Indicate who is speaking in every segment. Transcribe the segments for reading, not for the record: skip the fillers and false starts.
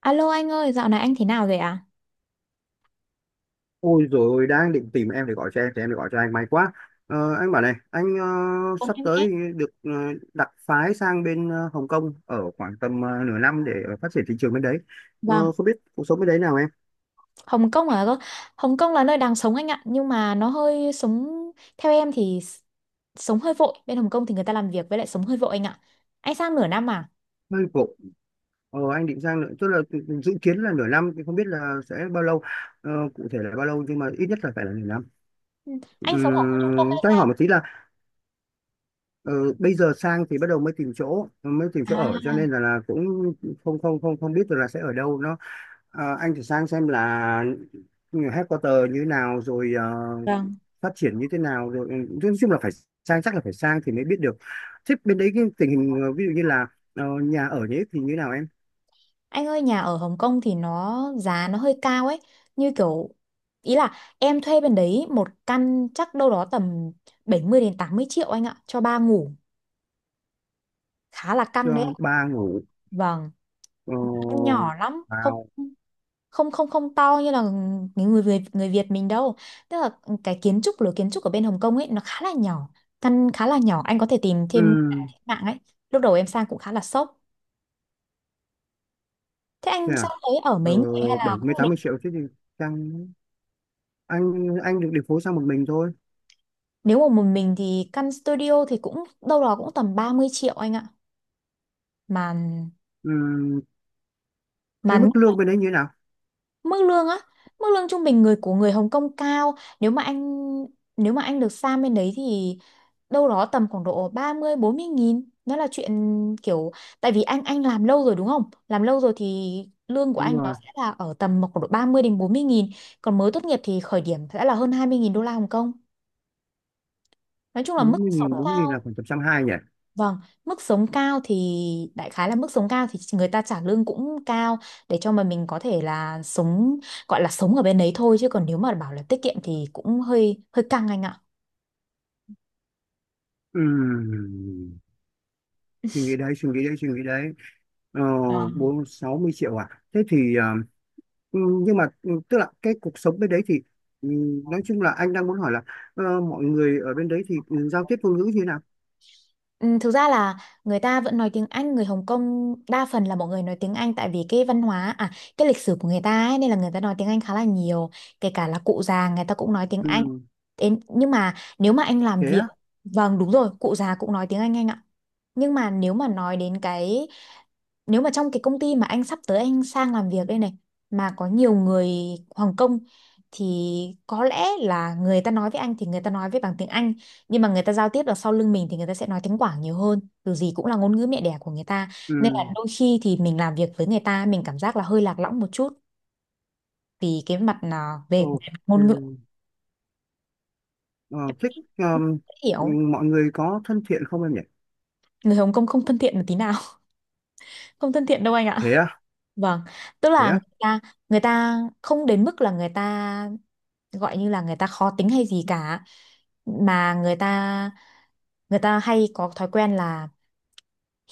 Speaker 1: Alo anh ơi, dạo này anh thế nào rồi ạ?
Speaker 2: Ôi rồi ôi, đang định tìm em để gọi cho em thì em để gọi cho anh, may quá. Anh bảo này anh,
Speaker 1: Vâng,
Speaker 2: sắp
Speaker 1: em nghe.
Speaker 2: tới được đặc phái sang bên Hồng Kông ở khoảng tầm nửa năm để phát triển thị trường bên đấy.
Speaker 1: Vâng,
Speaker 2: Không biết cuộc sống bên đấy nào em?
Speaker 1: Hồng Kông à cơ? Hồng Kông là nơi đang sống anh ạ, nhưng mà nó hơi sống theo em thì sống hơi vội. Bên Hồng Kông thì người ta làm việc với lại sống hơi vội anh ạ. Anh sang nửa năm à?
Speaker 2: Hơi vội. Anh định sang nữa, tức là dự kiến là nửa năm thì không biết là sẽ bao lâu, cụ thể là bao lâu, nhưng mà ít nhất là phải là nửa năm.
Speaker 1: Ừ. Anh sống ở khu trung tâm
Speaker 2: Ừm,
Speaker 1: hay
Speaker 2: cho anh
Speaker 1: sao?
Speaker 2: hỏi một tí là, ờ, bây giờ sang thì bắt đầu mới tìm chỗ
Speaker 1: À,
Speaker 2: ở, cho nên là cũng không không không không biết được là sẽ ở đâu nó. Ờ, anh thử sang xem là headquarter như thế nào rồi, ờ,
Speaker 1: vâng.
Speaker 2: phát triển như thế nào rồi, nói chung là phải sang, chắc là phải sang thì mới biết được. Thế bên đấy cái tình hình, ví dụ như là nhà ở nhé, thì như thế nào em?
Speaker 1: Anh ơi, nhà ở Hồng Kông thì nó giá nó hơi cao ấy, như kiểu ý là em thuê bên đấy một căn chắc đâu đó tầm 70 đến 80 triệu anh ạ, cho ba ngủ, khá là
Speaker 2: Cho
Speaker 1: căng đấy.
Speaker 2: ba ngủ.
Speaker 1: Vâng,
Speaker 2: ờ,
Speaker 1: nhỏ lắm, không
Speaker 2: vào
Speaker 1: không không không to như là những người Việt mình đâu, tức là cái kiến trúc lối kiến trúc ở bên Hồng Kông ấy nó khá là nhỏ, căn khá là nhỏ. Anh có thể tìm thêm trên
Speaker 2: ừ,
Speaker 1: mạng ấy. Lúc đầu em sang cũng khá là sốc. Thế
Speaker 2: thế
Speaker 1: anh sang
Speaker 2: à?
Speaker 1: đấy ở
Speaker 2: Ờ,
Speaker 1: mấy người hay
Speaker 2: bảy
Speaker 1: là
Speaker 2: mươi
Speaker 1: cũng
Speaker 2: tám
Speaker 1: mình?
Speaker 2: mươi triệu chứ gì. Sang anh anh được điều phối sang một mình thôi.
Speaker 1: Nếu mà một mình thì căn studio thì cũng đâu đó cũng tầm 30 triệu anh ạ. mà
Speaker 2: Ừ,
Speaker 1: mà
Speaker 2: thế mức lương bên đấy như thế nào?
Speaker 1: mức lương á, mức lương trung bình người của người Hồng Kông cao. Nếu mà anh nếu mà anh được sang bên đấy thì đâu đó tầm khoảng độ 30-40 nghìn, nó là chuyện kiểu. Tại vì anh làm lâu rồi đúng không, làm lâu rồi thì lương của
Speaker 2: Đúng
Speaker 1: anh nó
Speaker 2: rồi,
Speaker 1: sẽ là ở tầm khoảng độ 30 đến 40 nghìn, còn mới tốt nghiệp thì khởi điểm sẽ là hơn 20 nghìn đô la Hồng Kông. Nói chung là mức sống
Speaker 2: 40.000 40 nghìn bốn mươi nghìn
Speaker 1: cao.
Speaker 2: là khoảng tầm trăm hai nhỉ.
Speaker 1: Vâng, mức sống cao thì, đại khái là mức sống cao thì người ta trả lương cũng cao để cho mà mình có thể là sống, gọi là sống ở bên đấy thôi, chứ còn nếu mà bảo là tiết kiệm thì cũng hơi hơi căng anh
Speaker 2: Ừ, suy nghĩ đấy, suy nghĩ đấy, suy nghĩ đấy. Ờ,
Speaker 1: ạ.
Speaker 2: bốn sáu mươi triệu à? Thế thì ừ, nhưng mà tức là cái cuộc sống bên đấy thì ừ, nói chung là anh đang muốn hỏi là, mọi người ở bên đấy thì giao tiếp ngôn ngữ như thế nào?
Speaker 1: Ừ, thực ra là người ta vẫn nói tiếng Anh, người Hồng Kông đa phần là mọi người nói tiếng Anh tại vì cái văn hóa à, cái lịch sử của người ta ấy, nên là người ta nói tiếng Anh khá là nhiều, kể cả là cụ già người ta cũng nói tiếng
Speaker 2: Ừ,
Speaker 1: Anh. Thế nhưng mà nếu mà anh làm
Speaker 2: thế
Speaker 1: việc,
Speaker 2: á.
Speaker 1: vâng đúng rồi, cụ già cũng nói tiếng anh ạ. Nhưng mà nếu mà nói đến cái, nếu mà trong cái công ty mà anh sắp tới anh sang làm việc đây này mà có nhiều người Hồng Kông thì có lẽ là người ta nói với anh thì người ta nói với bằng tiếng Anh, nhưng mà người ta giao tiếp được sau lưng mình thì người ta sẽ nói tiếng Quảng nhiều hơn, dù gì cũng là ngôn ngữ mẹ đẻ của người ta,
Speaker 2: Ừ,
Speaker 1: nên là đôi khi thì mình làm việc với người ta mình cảm giác là hơi lạc lõng một chút vì cái mặt là về
Speaker 2: OK.
Speaker 1: ngôn ngữ,
Speaker 2: Ờ, thích.
Speaker 1: dễ
Speaker 2: ừ,
Speaker 1: hiểu.
Speaker 2: mọi người có thân thiện không em nhỉ?
Speaker 1: Người Hồng Kông không thân thiện một tí nào. Không thân thiện đâu anh ạ.
Speaker 2: Thế á?
Speaker 1: Vâng, tức
Speaker 2: Thế
Speaker 1: là
Speaker 2: á?
Speaker 1: người ta không đến mức là người ta gọi như là người ta khó tính hay gì cả, mà người ta hay có thói quen là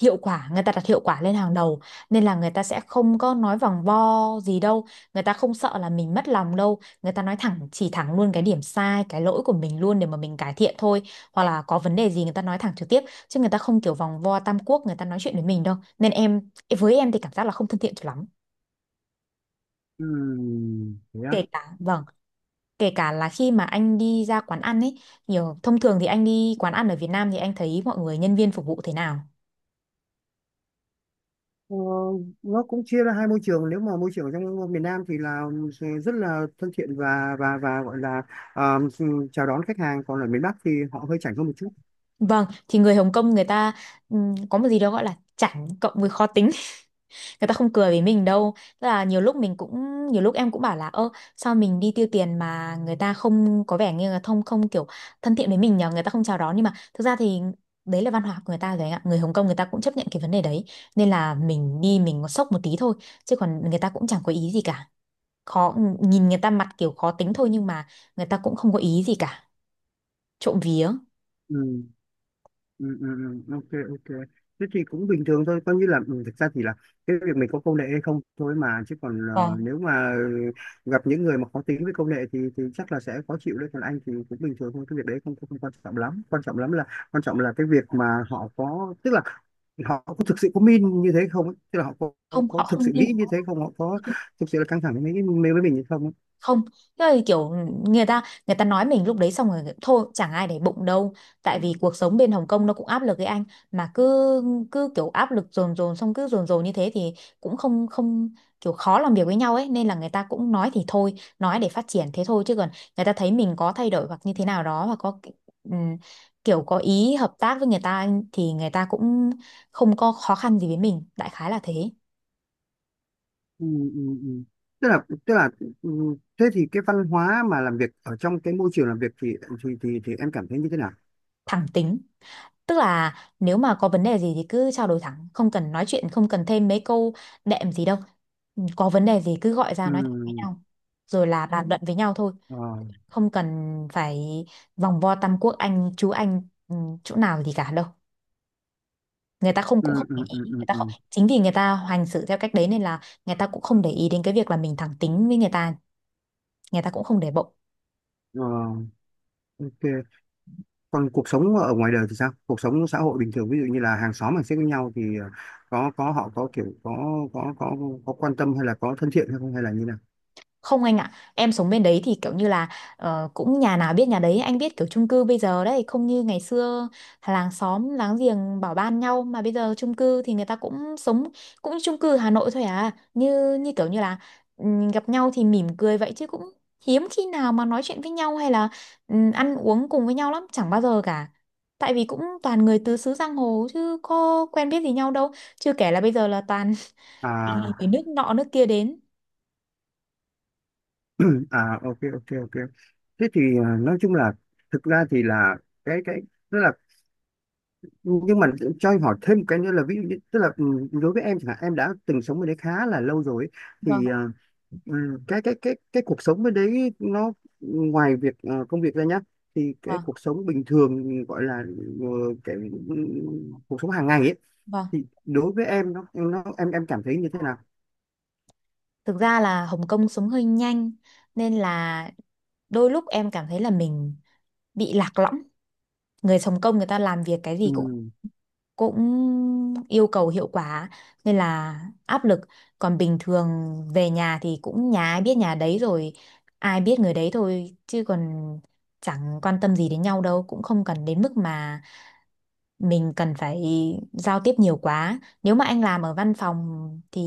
Speaker 1: hiệu quả, người ta đặt hiệu quả lên hàng đầu, nên là người ta sẽ không có nói vòng vo gì đâu, người ta không sợ là mình mất lòng đâu, người ta nói thẳng chỉ thẳng luôn cái điểm sai, cái lỗi của mình luôn để mà mình cải thiện thôi, hoặc là có vấn đề gì người ta nói thẳng trực tiếp, chứ người ta không kiểu vòng vo tam quốc người ta nói chuyện với mình đâu. Nên em, với em thì cảm giác là không thân thiện cho lắm.
Speaker 2: Ừ, thế á.
Speaker 1: Kể cả vâng, kể cả là khi mà anh đi ra quán ăn ấy, nhiều thông thường thì anh đi quán ăn ở Việt Nam thì anh thấy mọi người nhân viên phục vụ thế nào.
Speaker 2: Ờ, nó cũng chia ra hai môi trường. Nếu mà môi trường ở trong miền Nam thì là rất là thân thiện và gọi là ờ, chào đón khách hàng, còn ở miền Bắc thì họ hơi chảnh hơn một chút.
Speaker 1: Vâng, thì người Hồng Kông người ta có một gì đó gọi là chảnh cộng với khó tính, người ta không cười với mình đâu. Tức là nhiều lúc mình cũng, nhiều lúc em cũng bảo là ơ, sao mình đi tiêu tiền mà người ta không có vẻ như là thông, không kiểu thân thiện với mình nhờ, người ta không chào đón, nhưng mà thực ra thì đấy là văn hóa của người ta rồi anh ạ, người Hồng Kông người ta cũng chấp nhận cái vấn đề đấy, nên là mình đi mình có sốc một tí thôi chứ còn người ta cũng chẳng có ý gì cả. Khó, nhìn người ta mặt kiểu khó tính thôi, nhưng mà người ta cũng không có ý gì cả, trộm vía.
Speaker 2: Ừ. Ừ, ừ, ừ. OK, OK. Thế thì cũng bình thường thôi, coi như là thực ra thì là cái việc mình có công nghệ hay không thôi mà. Chứ còn
Speaker 1: Ờ,
Speaker 2: nếu mà gặp những người mà khó tính với công nghệ thì chắc là sẽ khó chịu đấy. Còn anh thì cũng bình thường thôi, cái việc đấy không không, không quan trọng lắm. Quan trọng lắm là Quan trọng là cái việc mà họ có, tức là họ có thực sự có min như thế không ấy? Tức là họ có, có,
Speaker 1: không, họ
Speaker 2: có thực
Speaker 1: không
Speaker 2: sự
Speaker 1: đi,
Speaker 2: nghĩ như thế không, họ có thực sự là căng thẳng với mình hay không ấy?
Speaker 1: không, tức là kiểu người ta nói mình lúc đấy xong rồi thôi, chẳng ai để bụng đâu, tại vì cuộc sống bên Hồng Kông nó cũng áp lực với anh, mà cứ cứ kiểu áp lực dồn dồn xong cứ dồn dồn như thế thì cũng không không kiểu khó làm việc với nhau ấy, nên là người ta cũng nói thì thôi, nói để phát triển thế thôi, chứ còn người ta thấy mình có thay đổi hoặc như thế nào đó hoặc có ừm, kiểu có ý hợp tác với người ta thì người ta cũng không có khó khăn gì với mình, đại khái là thế.
Speaker 2: Ừ, ừ, ừ. Tức là ừ, thế thì cái văn hóa mà làm việc ở trong cái môi trường làm việc thì thì em cảm thấy như thế nào?
Speaker 1: Thẳng tính. Tức là nếu mà có vấn đề gì thì cứ trao đổi thẳng, không cần nói chuyện, không cần thêm mấy câu đệm gì đâu. Có vấn đề gì cứ gọi ra nói thẳng với
Speaker 2: Ừ,
Speaker 1: nhau, rồi là bàn luận với nhau thôi,
Speaker 2: ờ,
Speaker 1: không cần phải vòng vo tam quốc anh chú anh ừ, chỗ nào gì cả đâu. Người ta không,
Speaker 2: ừ,
Speaker 1: cũng không
Speaker 2: ừ,
Speaker 1: để
Speaker 2: ừ,
Speaker 1: ý, người
Speaker 2: ừ,
Speaker 1: ta không,
Speaker 2: ừ.
Speaker 1: chính vì người ta hành xử theo cách đấy nên là người ta cũng không để ý đến cái việc là mình thẳng tính với người ta cũng không để bụng.
Speaker 2: Ờ, OK. Còn cuộc sống ở ngoài đời thì sao? Cuộc sống xã hội bình thường, ví dụ như là hàng xóm hàng xếp với nhau thì ờ, có họ có kiểu có có có quan tâm hay là có thân thiện hay không hay là như nào?
Speaker 1: Không anh ạ, em sống bên đấy thì kiểu như là cũng nhà nào biết nhà đấy, anh biết kiểu chung cư bây giờ đấy, không như ngày xưa làng xóm láng giềng bảo ban nhau, mà bây giờ chung cư thì người ta cũng sống cũng như chung cư Hà Nội thôi à, như như kiểu như là gặp nhau thì mỉm cười vậy chứ cũng hiếm khi nào mà nói chuyện với nhau hay là ăn uống cùng với nhau lắm, chẳng bao giờ cả. Tại vì cũng toàn người tứ xứ giang hồ chứ có quen biết gì nhau đâu, chưa kể là bây giờ là toàn toàn là người
Speaker 2: À.
Speaker 1: nước nọ nước kia đến.
Speaker 2: À, OK, OK, OK. Thế thì nói chung là, thực ra thì là cái tức là nhưng mà cho em hỏi thêm một cái nữa là. Ví dụ như tức là đối với em chẳng hạn, em đã từng sống bên đấy khá là lâu rồi ấy,
Speaker 1: Vâng,
Speaker 2: thì cái cuộc sống bên đấy nó ngoài việc công việc ra nhá, thì cái
Speaker 1: vâng,
Speaker 2: cuộc sống bình thường gọi là ờ, cái ừ, cuộc sống hàng ngày ấy,
Speaker 1: vâng.
Speaker 2: thì đối với em nó em cảm thấy như thế nào?
Speaker 1: Thực ra là Hồng Kông sống hơi nhanh, nên là đôi lúc em cảm thấy là mình bị lạc lõng. Người Hồng Kông người ta làm việc cái gì
Speaker 2: Ừ.
Speaker 1: cũng cũng yêu cầu hiệu quả, nên là áp lực. Còn bình thường về nhà thì cũng nhà ai biết nhà đấy rồi, ai biết người đấy thôi chứ còn chẳng quan tâm gì đến nhau đâu, cũng không cần đến mức mà mình cần phải giao tiếp nhiều quá. Nếu mà anh làm ở văn phòng thì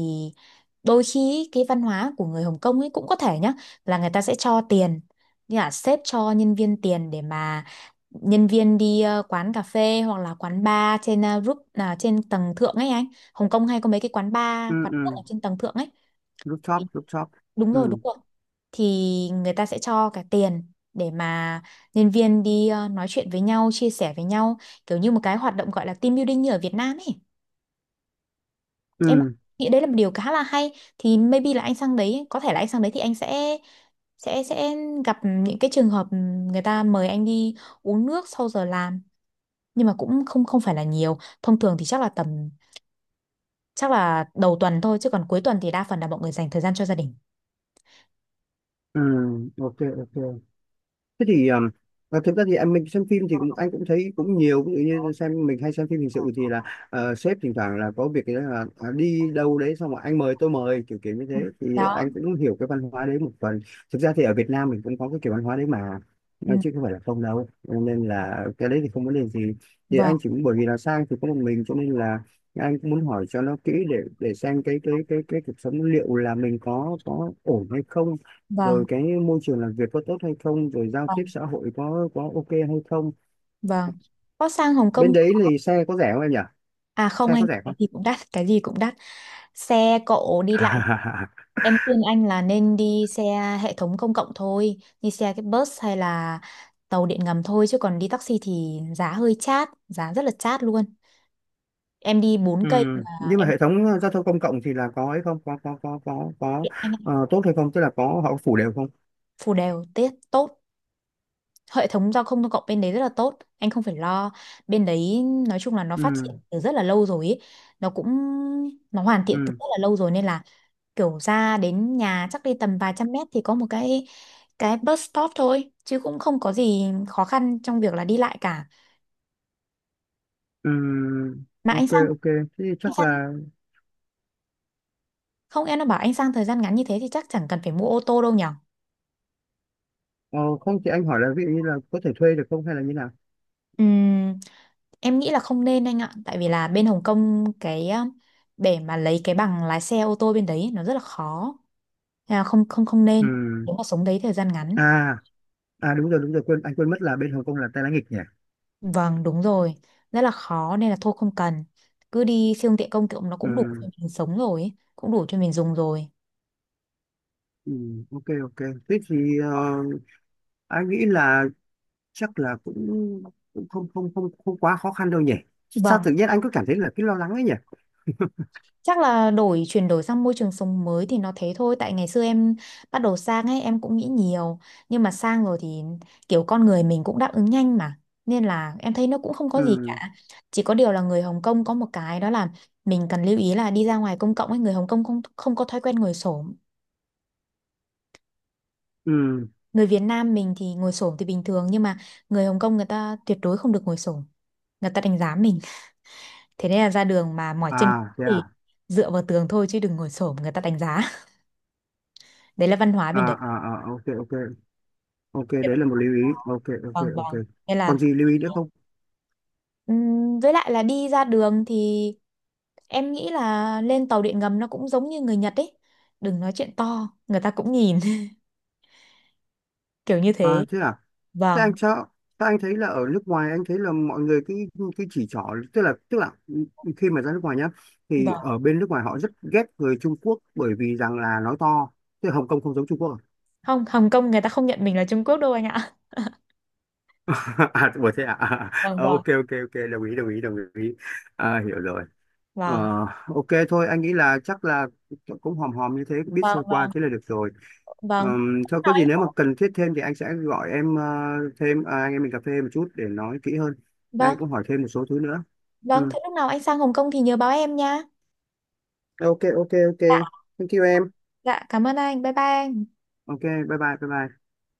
Speaker 1: đôi khi ý, cái văn hóa của người Hồng Kông ấy cũng có thể nhá là người ta sẽ cho tiền, như là sếp cho nhân viên tiền để mà nhân viên đi quán cà phê hoặc là quán bar trên roof, là trên tầng thượng ấy anh. Hồng Kông hay có mấy cái quán
Speaker 2: Ừ.
Speaker 1: bar quán nước ở
Speaker 2: Ừ.
Speaker 1: trên tầng thượng ấy thì-
Speaker 2: Rooftop, rooftop.
Speaker 1: đúng rồi đúng
Speaker 2: Ừ.
Speaker 1: rồi, thì người ta sẽ cho cả tiền để mà nhân viên đi nói chuyện với nhau, chia sẻ với nhau kiểu như một cái hoạt động gọi là team building như ở Việt Nam ấy. Em
Speaker 2: Ừ.
Speaker 1: nghĩ đấy là một điều khá là hay. Thì maybe là anh sang đấy, có thể là anh sang đấy thì anh sẽ sẽ sẽ gặp những cái trường hợp người ta mời anh đi uống nước sau giờ làm, nhưng mà cũng không không phải là nhiều, thông thường thì chắc là tầm, chắc là đầu tuần thôi chứ còn cuối tuần thì đa phần là mọi người dành thời gian cho gia đình.
Speaker 2: Ừ, OK, OK. Thế thì à, thực ra thì mình xem phim thì cũng, anh cũng thấy cũng nhiều. Ví dụ như xem mình hay xem phim hình sự thì là sếp thỉnh thoảng là có việc là đi đâu đấy xong rồi anh mời tôi mời kiểu kiểu như thế, thì
Speaker 1: Đó,
Speaker 2: anh cũng hiểu cái văn hóa đấy một phần. Thực ra thì ở Việt Nam mình cũng có cái kiểu văn hóa đấy mà,
Speaker 1: ừ,
Speaker 2: chứ không phải là không đâu, nên là cái đấy thì không vấn đề gì. Thì
Speaker 1: vâng
Speaker 2: anh chỉ muốn, bởi vì là sang thì có một mình, cho nên là anh cũng muốn hỏi cho nó kỹ để xem cái cuộc sống liệu là mình có ổn hay không,
Speaker 1: vâng.
Speaker 2: rồi cái môi trường làm việc có tốt hay không, rồi giao tiếp
Speaker 1: Vâng,
Speaker 2: xã hội có OK hay không.
Speaker 1: vâng. Có sang Hồng
Speaker 2: Bên
Speaker 1: Kông
Speaker 2: đấy thì xe có rẻ không em nhỉ?
Speaker 1: à, không
Speaker 2: Xe có
Speaker 1: anh,
Speaker 2: rẻ không?
Speaker 1: cái gì cũng đắt, cái gì cũng đắt. Xe cộ đi lại, em khuyên anh là nên đi xe hệ thống công cộng thôi, đi xe cái bus hay là tàu điện ngầm thôi chứ còn đi taxi thì giá hơi chát, giá rất là chát luôn. Em đi bốn
Speaker 2: Ừ.
Speaker 1: cây mà
Speaker 2: Nhưng mà
Speaker 1: em
Speaker 2: hệ thống giao thông công cộng thì là có hay không, có có
Speaker 1: tiện anh ạ.
Speaker 2: tốt hay không, tức là có họ có phủ đều không?
Speaker 1: Phù đều tiết tốt. Hệ thống giao thông công cộng bên đấy rất là tốt, anh không phải lo. Bên đấy nói chung là nó phát
Speaker 2: Ừ.
Speaker 1: triển từ rất là lâu rồi ấy. Nó cũng nó hoàn thiện từ
Speaker 2: Ừ.
Speaker 1: rất là lâu rồi nên là kiểu ra đến nhà chắc đi tầm vài trăm mét thì có một cái bus stop thôi chứ cũng không có gì khó khăn trong việc là đi lại cả.
Speaker 2: Ừ.
Speaker 1: Mà anh
Speaker 2: OK,
Speaker 1: sang,
Speaker 2: OK. Thế thì
Speaker 1: anh
Speaker 2: chắc
Speaker 1: sang
Speaker 2: là,
Speaker 1: không em nó bảo anh sang thời gian ngắn như thế thì chắc chẳng cần phải mua ô tô đâu nhở.
Speaker 2: ờ, không thì anh hỏi là, ví dụ như là có thể thuê được không hay là như nào?
Speaker 1: Ừm, em nghĩ là không nên anh ạ, tại vì là bên Hồng Kông cái để mà lấy cái bằng lái xe ô tô bên đấy nó rất là khó. Nên là không không không nên
Speaker 2: Ừ.
Speaker 1: nếu mà sống đấy thời gian ngắn.
Speaker 2: à à, đúng rồi, đúng rồi, quên, anh quên mất là bên Hồng Kông là tay lái nghịch nhỉ.
Speaker 1: Vâng, đúng rồi. Rất là khó nên là thôi không cần. Cứ đi siêu tiện công cộng nó cũng đủ cho
Speaker 2: Ừ.
Speaker 1: mình sống rồi, ấy, cũng đủ cho mình dùng rồi.
Speaker 2: Ừ. OK, OK. Thế thì anh nghĩ là chắc là cũng cũng không không không không quá khó khăn đâu nhỉ, chứ sao
Speaker 1: Vâng,
Speaker 2: tự nhiên anh cứ cảm thấy là cái lo lắng ấy nhỉ?
Speaker 1: chắc là đổi chuyển đổi sang môi trường sống mới thì nó thế thôi. Tại ngày xưa em bắt đầu sang ấy em cũng nghĩ nhiều, nhưng mà sang rồi thì kiểu con người mình cũng đáp ứng nhanh mà. Nên là em thấy nó cũng không có gì
Speaker 2: Ừ.
Speaker 1: cả. Chỉ có điều là người Hồng Kông có một cái đó là mình cần lưu ý, là đi ra ngoài công cộng ấy người Hồng Kông không không có thói quen ngồi xổm.
Speaker 2: Ừ.
Speaker 1: Người Việt Nam mình thì ngồi xổm thì bình thường, nhưng mà người Hồng Kông người ta tuyệt đối không được ngồi xổm, người ta đánh giá mình, thế nên là ra đường mà mỏi chân
Speaker 2: À, thế
Speaker 1: thì
Speaker 2: à?
Speaker 1: dựa vào tường thôi, chứ đừng ngồi xổm người ta đánh giá. Đấy là văn hóa bên
Speaker 2: À,
Speaker 1: đấy.
Speaker 2: à, à, OK, OK, OK. Đấy là một lưu ý. OK, OK,
Speaker 1: Vâng
Speaker 2: OK.
Speaker 1: vâng, nên là
Speaker 2: Còn gì lưu ý nữa không?
Speaker 1: với lại là đi ra đường thì em nghĩ là lên tàu điện ngầm nó cũng giống như người Nhật ấy, đừng nói chuyện to người ta cũng nhìn. Kiểu như
Speaker 2: À,
Speaker 1: thế.
Speaker 2: thế à? thế
Speaker 1: Vâng
Speaker 2: anh cho, Thế anh thấy là ở nước ngoài anh thấy là mọi người cái chỉ trỏ, tức là khi mà ra nước ngoài nhá thì
Speaker 1: vâng.
Speaker 2: ở bên nước ngoài họ rất ghét người Trung Quốc bởi vì rằng là nói to. Tức là Hồng Kông không giống Trung Quốc.
Speaker 1: Không, Hồng Kông người ta không nhận mình là Trung Quốc đâu anh ạ.
Speaker 2: À, ủa, thế à? À, à,
Speaker 1: Vâng
Speaker 2: Ờ,
Speaker 1: vâng
Speaker 2: OK, OK, OK, đồng ý, đồng ý, đồng ý. À, hiểu rồi. Ờ,
Speaker 1: vâng
Speaker 2: OK, thôi anh nghĩ là chắc là cũng hòm hòm như thế, biết
Speaker 1: vâng
Speaker 2: sơ qua
Speaker 1: vâng
Speaker 2: thế là được rồi.
Speaker 1: vâng.
Speaker 2: Thôi
Speaker 1: Nào,
Speaker 2: có gì nếu mà cần thiết thêm thì anh sẽ gọi em thêm, anh em mình cà phê một chút để nói kỹ hơn. Anh
Speaker 1: vâng.
Speaker 2: cũng hỏi thêm một số thứ nữa.
Speaker 1: Vâng,
Speaker 2: Ừ.
Speaker 1: thế lúc nào anh sang Hồng Kông thì nhớ báo em nha.
Speaker 2: OK, OK, OK,
Speaker 1: Dạ,
Speaker 2: thank you em.
Speaker 1: dạ, cảm ơn anh. Bye bye anh.
Speaker 2: OK, bye bye bye bye.